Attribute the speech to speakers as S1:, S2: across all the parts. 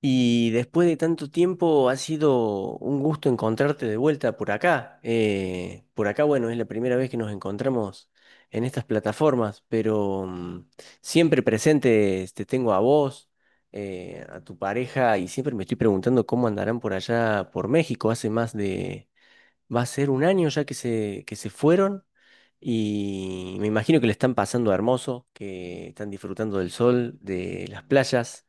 S1: Y después de tanto tiempo ha sido un gusto encontrarte de vuelta por acá. Por acá, bueno, es la primera vez que nos encontramos en estas plataformas, pero siempre presente te tengo a vos, a tu pareja, y siempre me estoy preguntando cómo andarán por allá, por México. Va a ser un año ya que se fueron. Y me imagino que le están pasando hermoso, que están disfrutando del sol, de las playas.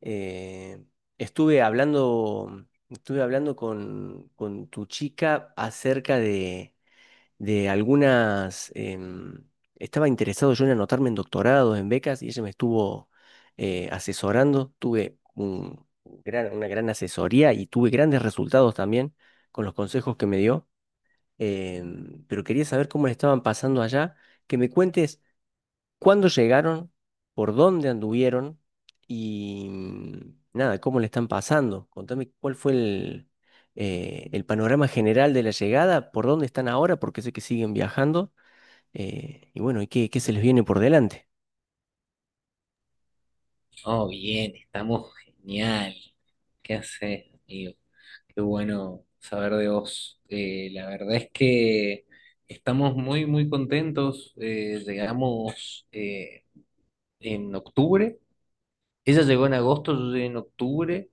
S1: Eh, Estuve hablando con tu chica acerca de algunas. Estaba interesado yo en anotarme en doctorados, en becas, y ella me estuvo asesorando. Tuve una gran asesoría y tuve grandes resultados también con los consejos que me dio. Pero quería saber cómo le estaban pasando allá. Que me cuentes cuándo llegaron, por dónde anduvieron y nada, cómo le están pasando. Contame cuál fue el panorama general de la llegada, por dónde están ahora, porque sé que siguen viajando y bueno, y qué se les viene por delante.
S2: Oh, bien, estamos genial. ¿Qué haces, amigo? Qué bueno saber de vos. La verdad es que estamos muy, muy contentos. Llegamos en octubre. Ella llegó en agosto, yo llegué en octubre.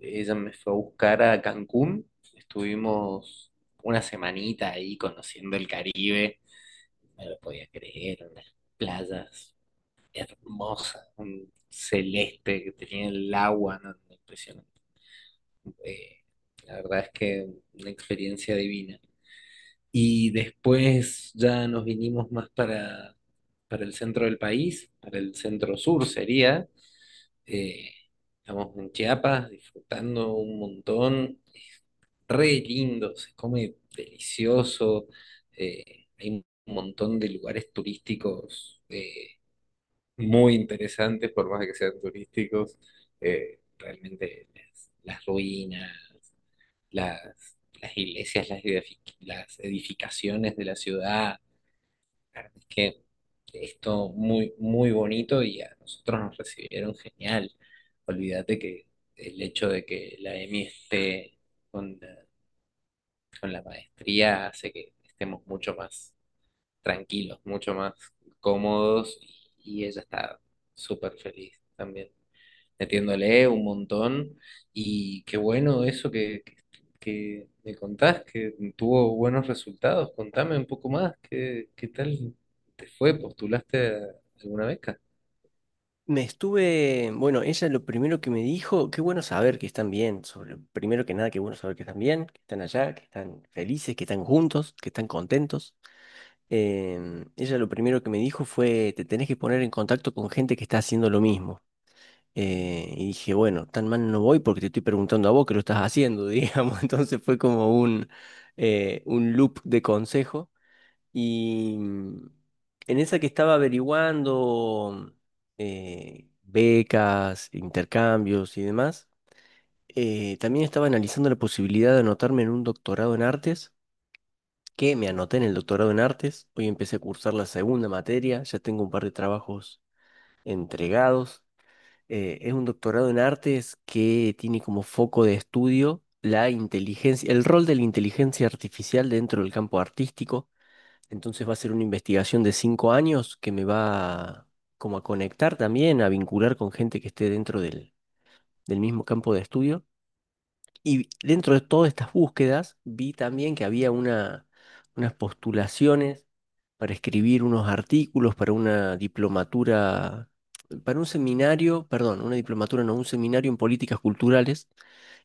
S2: Ella me fue a buscar a Cancún. Estuvimos una semanita ahí conociendo el Caribe. No lo podía creer, unas playas hermosa, un celeste que tenía el agua, no, no, impresionante. Eh, la verdad es que una experiencia divina. Y después ya nos vinimos más para el centro del país, para el centro sur sería. Eh, estamos en Chiapas disfrutando un montón. Es re lindo, se come delicioso. Hay un montón de lugares turísticos. Muy interesantes, por más de que sean turísticos, realmente las ruinas, las, las iglesias, las, las edificaciones de la ciudad, la verdad es que es todo muy, muy bonito y a nosotros nos recibieron genial. Olvídate que el hecho de que la EMI esté con la, con la maestría hace que estemos mucho más tranquilos, mucho más cómodos y ella está súper feliz también metiéndole un montón. Y qué bueno eso que que me contás, que tuvo buenos resultados. Contame un poco más, qué tal te fue? ¿Postulaste a alguna beca?
S1: Bueno, ella lo primero que me dijo, qué bueno saber que están bien, primero que nada, qué bueno saber que están bien, que están allá, que están felices, que están juntos, que están contentos. Ella lo primero que me dijo fue, te tenés que poner en contacto con gente que está haciendo lo mismo. Y dije, bueno, tan mal no voy porque te estoy preguntando a vos que lo estás haciendo, digamos. Entonces fue como un loop de consejo. Y en esa que estaba averiguando becas, intercambios y demás, también estaba analizando la posibilidad de anotarme en un doctorado en artes que me anoté en el doctorado en artes. Hoy empecé a cursar la segunda materia, ya tengo un par de trabajos entregados. Es un doctorado en artes que tiene como foco de estudio la inteligencia, el rol de la inteligencia artificial dentro del campo artístico. Entonces va a ser una investigación de 5 años que me va como a conectar también, a vincular con gente que esté dentro del mismo campo de estudio. Y dentro de todas estas búsquedas vi también que había unas postulaciones para escribir unos artículos para una diplomatura, para un seminario, perdón, una diplomatura, no, un seminario en políticas culturales.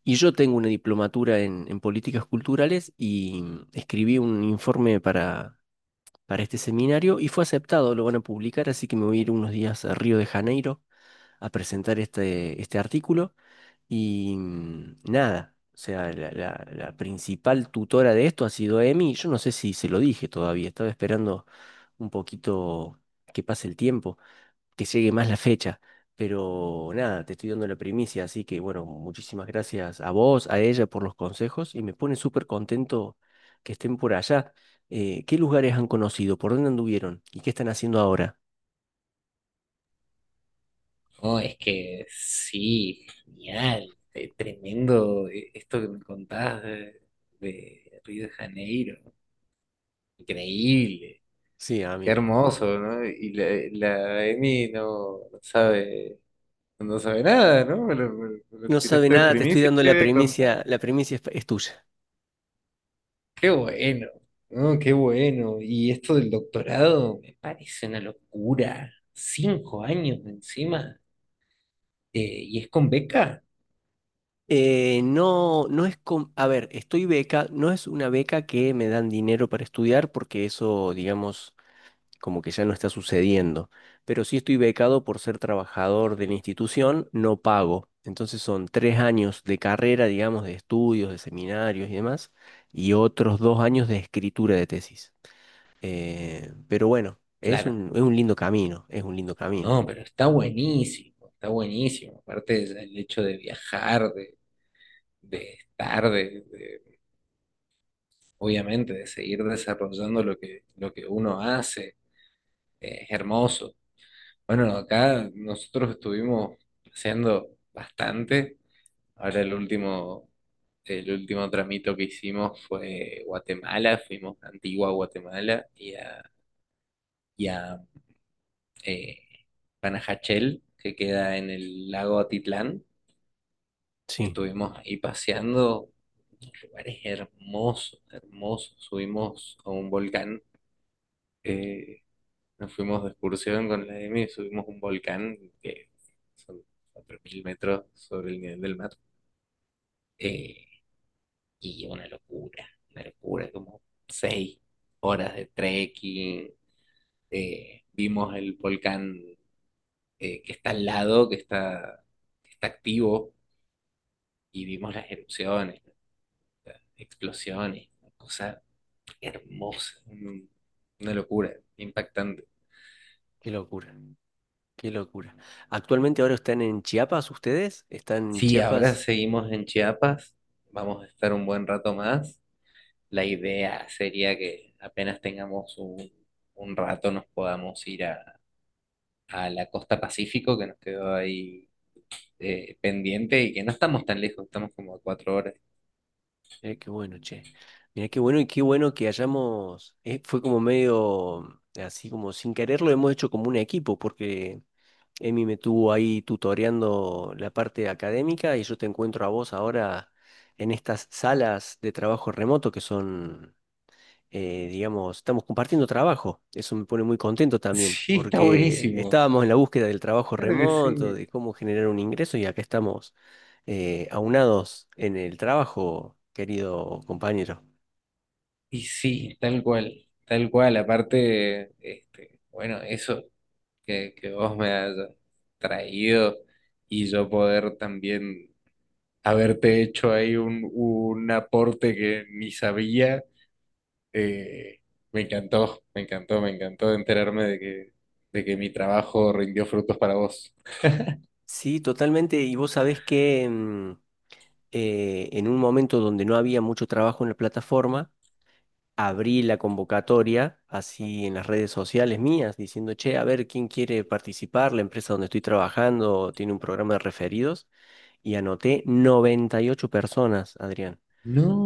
S1: Y yo tengo una diplomatura en políticas culturales y escribí un informe para este seminario y fue aceptado, lo van a publicar, así que me voy a ir unos días a Río de Janeiro a presentar este artículo. Y nada, o sea, la principal tutora de esto ha sido Emi. Yo no sé si se lo dije todavía, estaba esperando un poquito que pase el tiempo, que llegue más la fecha. Pero nada, te estoy dando la primicia, así que bueno, muchísimas gracias a vos, a ella por los consejos y me pone súper contento que estén por allá. ¿Qué lugares han conocido? ¿Por dónde anduvieron? ¿Y qué están haciendo ahora?
S2: No, es que sí, genial, tremendo esto que me contás de Río de Janeiro, increíble.
S1: Sí,
S2: Qué
S1: amigo.
S2: hermoso, ¿no? Y la Emi no sabe. No sabe nada, ¿no? Me lo
S1: No sabe
S2: tiraste de
S1: nada, te estoy
S2: primicia,
S1: dando
S2: ¿qué voy a contar?
S1: la primicia es tuya.
S2: Qué bueno, ¿no? Qué bueno. Y esto del doctorado me parece una locura. Cinco años encima. Eh, ¿Y es con beca?
S1: No, no a ver, no es una beca que me dan dinero para estudiar porque eso, digamos, como que ya no está sucediendo. Pero sí estoy becado por ser trabajador de la institución, no pago. Entonces son 3 años de carrera, digamos, de estudios, de seminarios y demás, y otros 2 años de escritura de tesis. Pero bueno, es
S2: Claro.
S1: un, es un lindo camino, es un lindo camino.
S2: No, pero está buenísimo, está buenísimo. Aparte el hecho de viajar, de estar, obviamente, de seguir desarrollando lo lo que uno hace, es hermoso. Bueno, acá nosotros estuvimos haciendo bastante. Ahora el último tramito que hicimos fue Guatemala, fuimos a Antigua Guatemala y a eh, Panajachel, que queda en el lago Atitlán.
S1: Sí,
S2: Estuvimos ahí paseando, lugares hermosos, hermosos. Subimos a un volcán. eh, Nos fuimos de excursión con la M, subimos un volcán que son 4.000 metros sobre el nivel del mar. Eh, y una locura, como seis horas de trekking. Vimos el volcán que está al lado, que está activo, y vimos las erupciones, explosiones, una cosa hermosa, una locura, impactante.
S1: qué locura. Qué locura. Actualmente ahora están en Chiapas ustedes, están en
S2: Sí, ahora
S1: Chiapas.
S2: seguimos en Chiapas, vamos a estar un buen rato más. La idea sería que apenas tengamos un rato nos podamos ir a la costa Pacífico, que nos quedó ahí pendiente y que no estamos tan lejos, estamos como a cuatro horas.
S1: Mirá qué bueno, che. Mirá qué bueno y qué bueno que fue como medio, así como sin querer lo hemos hecho como un equipo, porque Emi me tuvo ahí tutoreando la parte académica y yo te encuentro a vos ahora en estas salas de trabajo remoto que son digamos, estamos compartiendo trabajo. Eso me pone muy contento también,
S2: Sí, está
S1: porque
S2: buenísimo.
S1: estábamos en la búsqueda del trabajo
S2: Claro que sí.
S1: remoto, de cómo generar un ingreso, y acá estamos aunados en el trabajo, querido compañero.
S2: Y sí, tal cual, tal cual. Aparte, este, bueno, eso que vos me has traído y yo poder también haberte hecho ahí un aporte que ni sabía. Eh, me encantó, me encantó, me encantó enterarme de de que mi trabajo rindió frutos para vos.
S1: Sí, totalmente. Y vos sabés que en un momento donde no había mucho trabajo en la plataforma, abrí la convocatoria así en las redes sociales mías, diciendo, che, a ver quién quiere participar, la empresa donde estoy trabajando tiene un programa de referidos. Y anoté 98 personas, Adrián.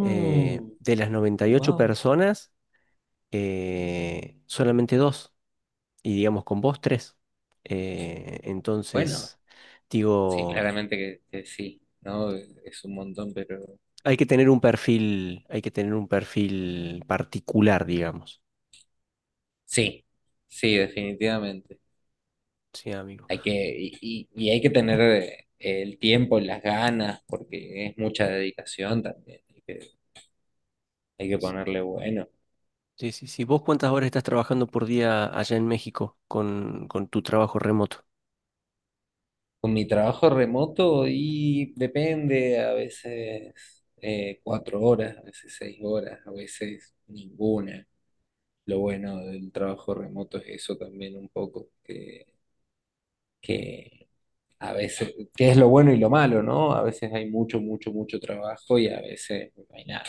S1: De las 98
S2: wow.
S1: personas, solamente dos, y digamos con vos tres.
S2: Bueno,
S1: Entonces,
S2: sí,
S1: digo,
S2: claramente que sí, ¿no? Es un montón, pero
S1: hay que tener un perfil, hay que tener un perfil particular, digamos.
S2: sí, sí, definitivamente.
S1: Sí, amigo.
S2: Hay que, y hay que tener el tiempo, las ganas, porque es mucha dedicación también. Hay que
S1: Sí,
S2: ponerle bueno.
S1: sí, sí. Sí. ¿Vos cuántas horas estás trabajando por día allá en México con tu trabajo remoto?
S2: Con mi trabajo remoto y depende, a veces cuatro horas, a veces seis horas, a veces ninguna. Lo bueno del trabajo remoto es eso también un poco, que a veces, que es lo bueno y lo malo, ¿no? A veces hay mucho, mucho, mucho trabajo y a veces no hay nada.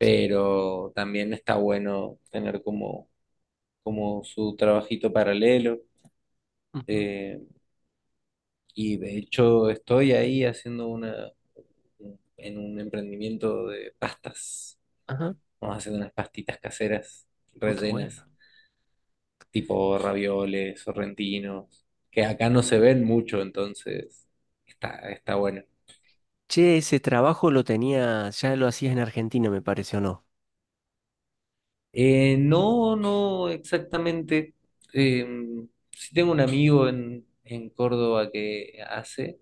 S1: Sí.
S2: también está bueno tener como, como su trabajito paralelo.
S1: Ujú.
S2: eh, y de hecho estoy ahí haciendo una, en un emprendimiento de pastas.
S1: Ajá.
S2: Vamos a hacer unas pastitas caseras
S1: Oh, qué bueno.
S2: rellenas, tipo ravioles, sorrentinos, que acá no se ven mucho, entonces está, está bueno.
S1: Che, ese trabajo lo tenías, ya lo hacías en Argentina, me parece, ¿o no?
S2: No exactamente. Sí tengo un amigo en Córdoba que hace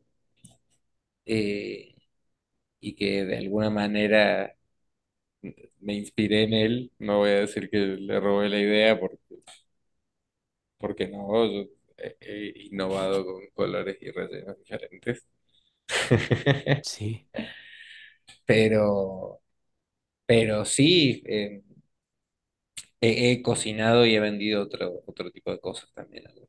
S2: eh, y que de alguna manera me inspiré en él. No voy a decir que le robé la idea porque no, yo he innovado con colores y rellenos diferentes,
S1: Sí.
S2: pero, pero sí, he cocinado y he vendido otro, otro tipo de cosas también. ¿No?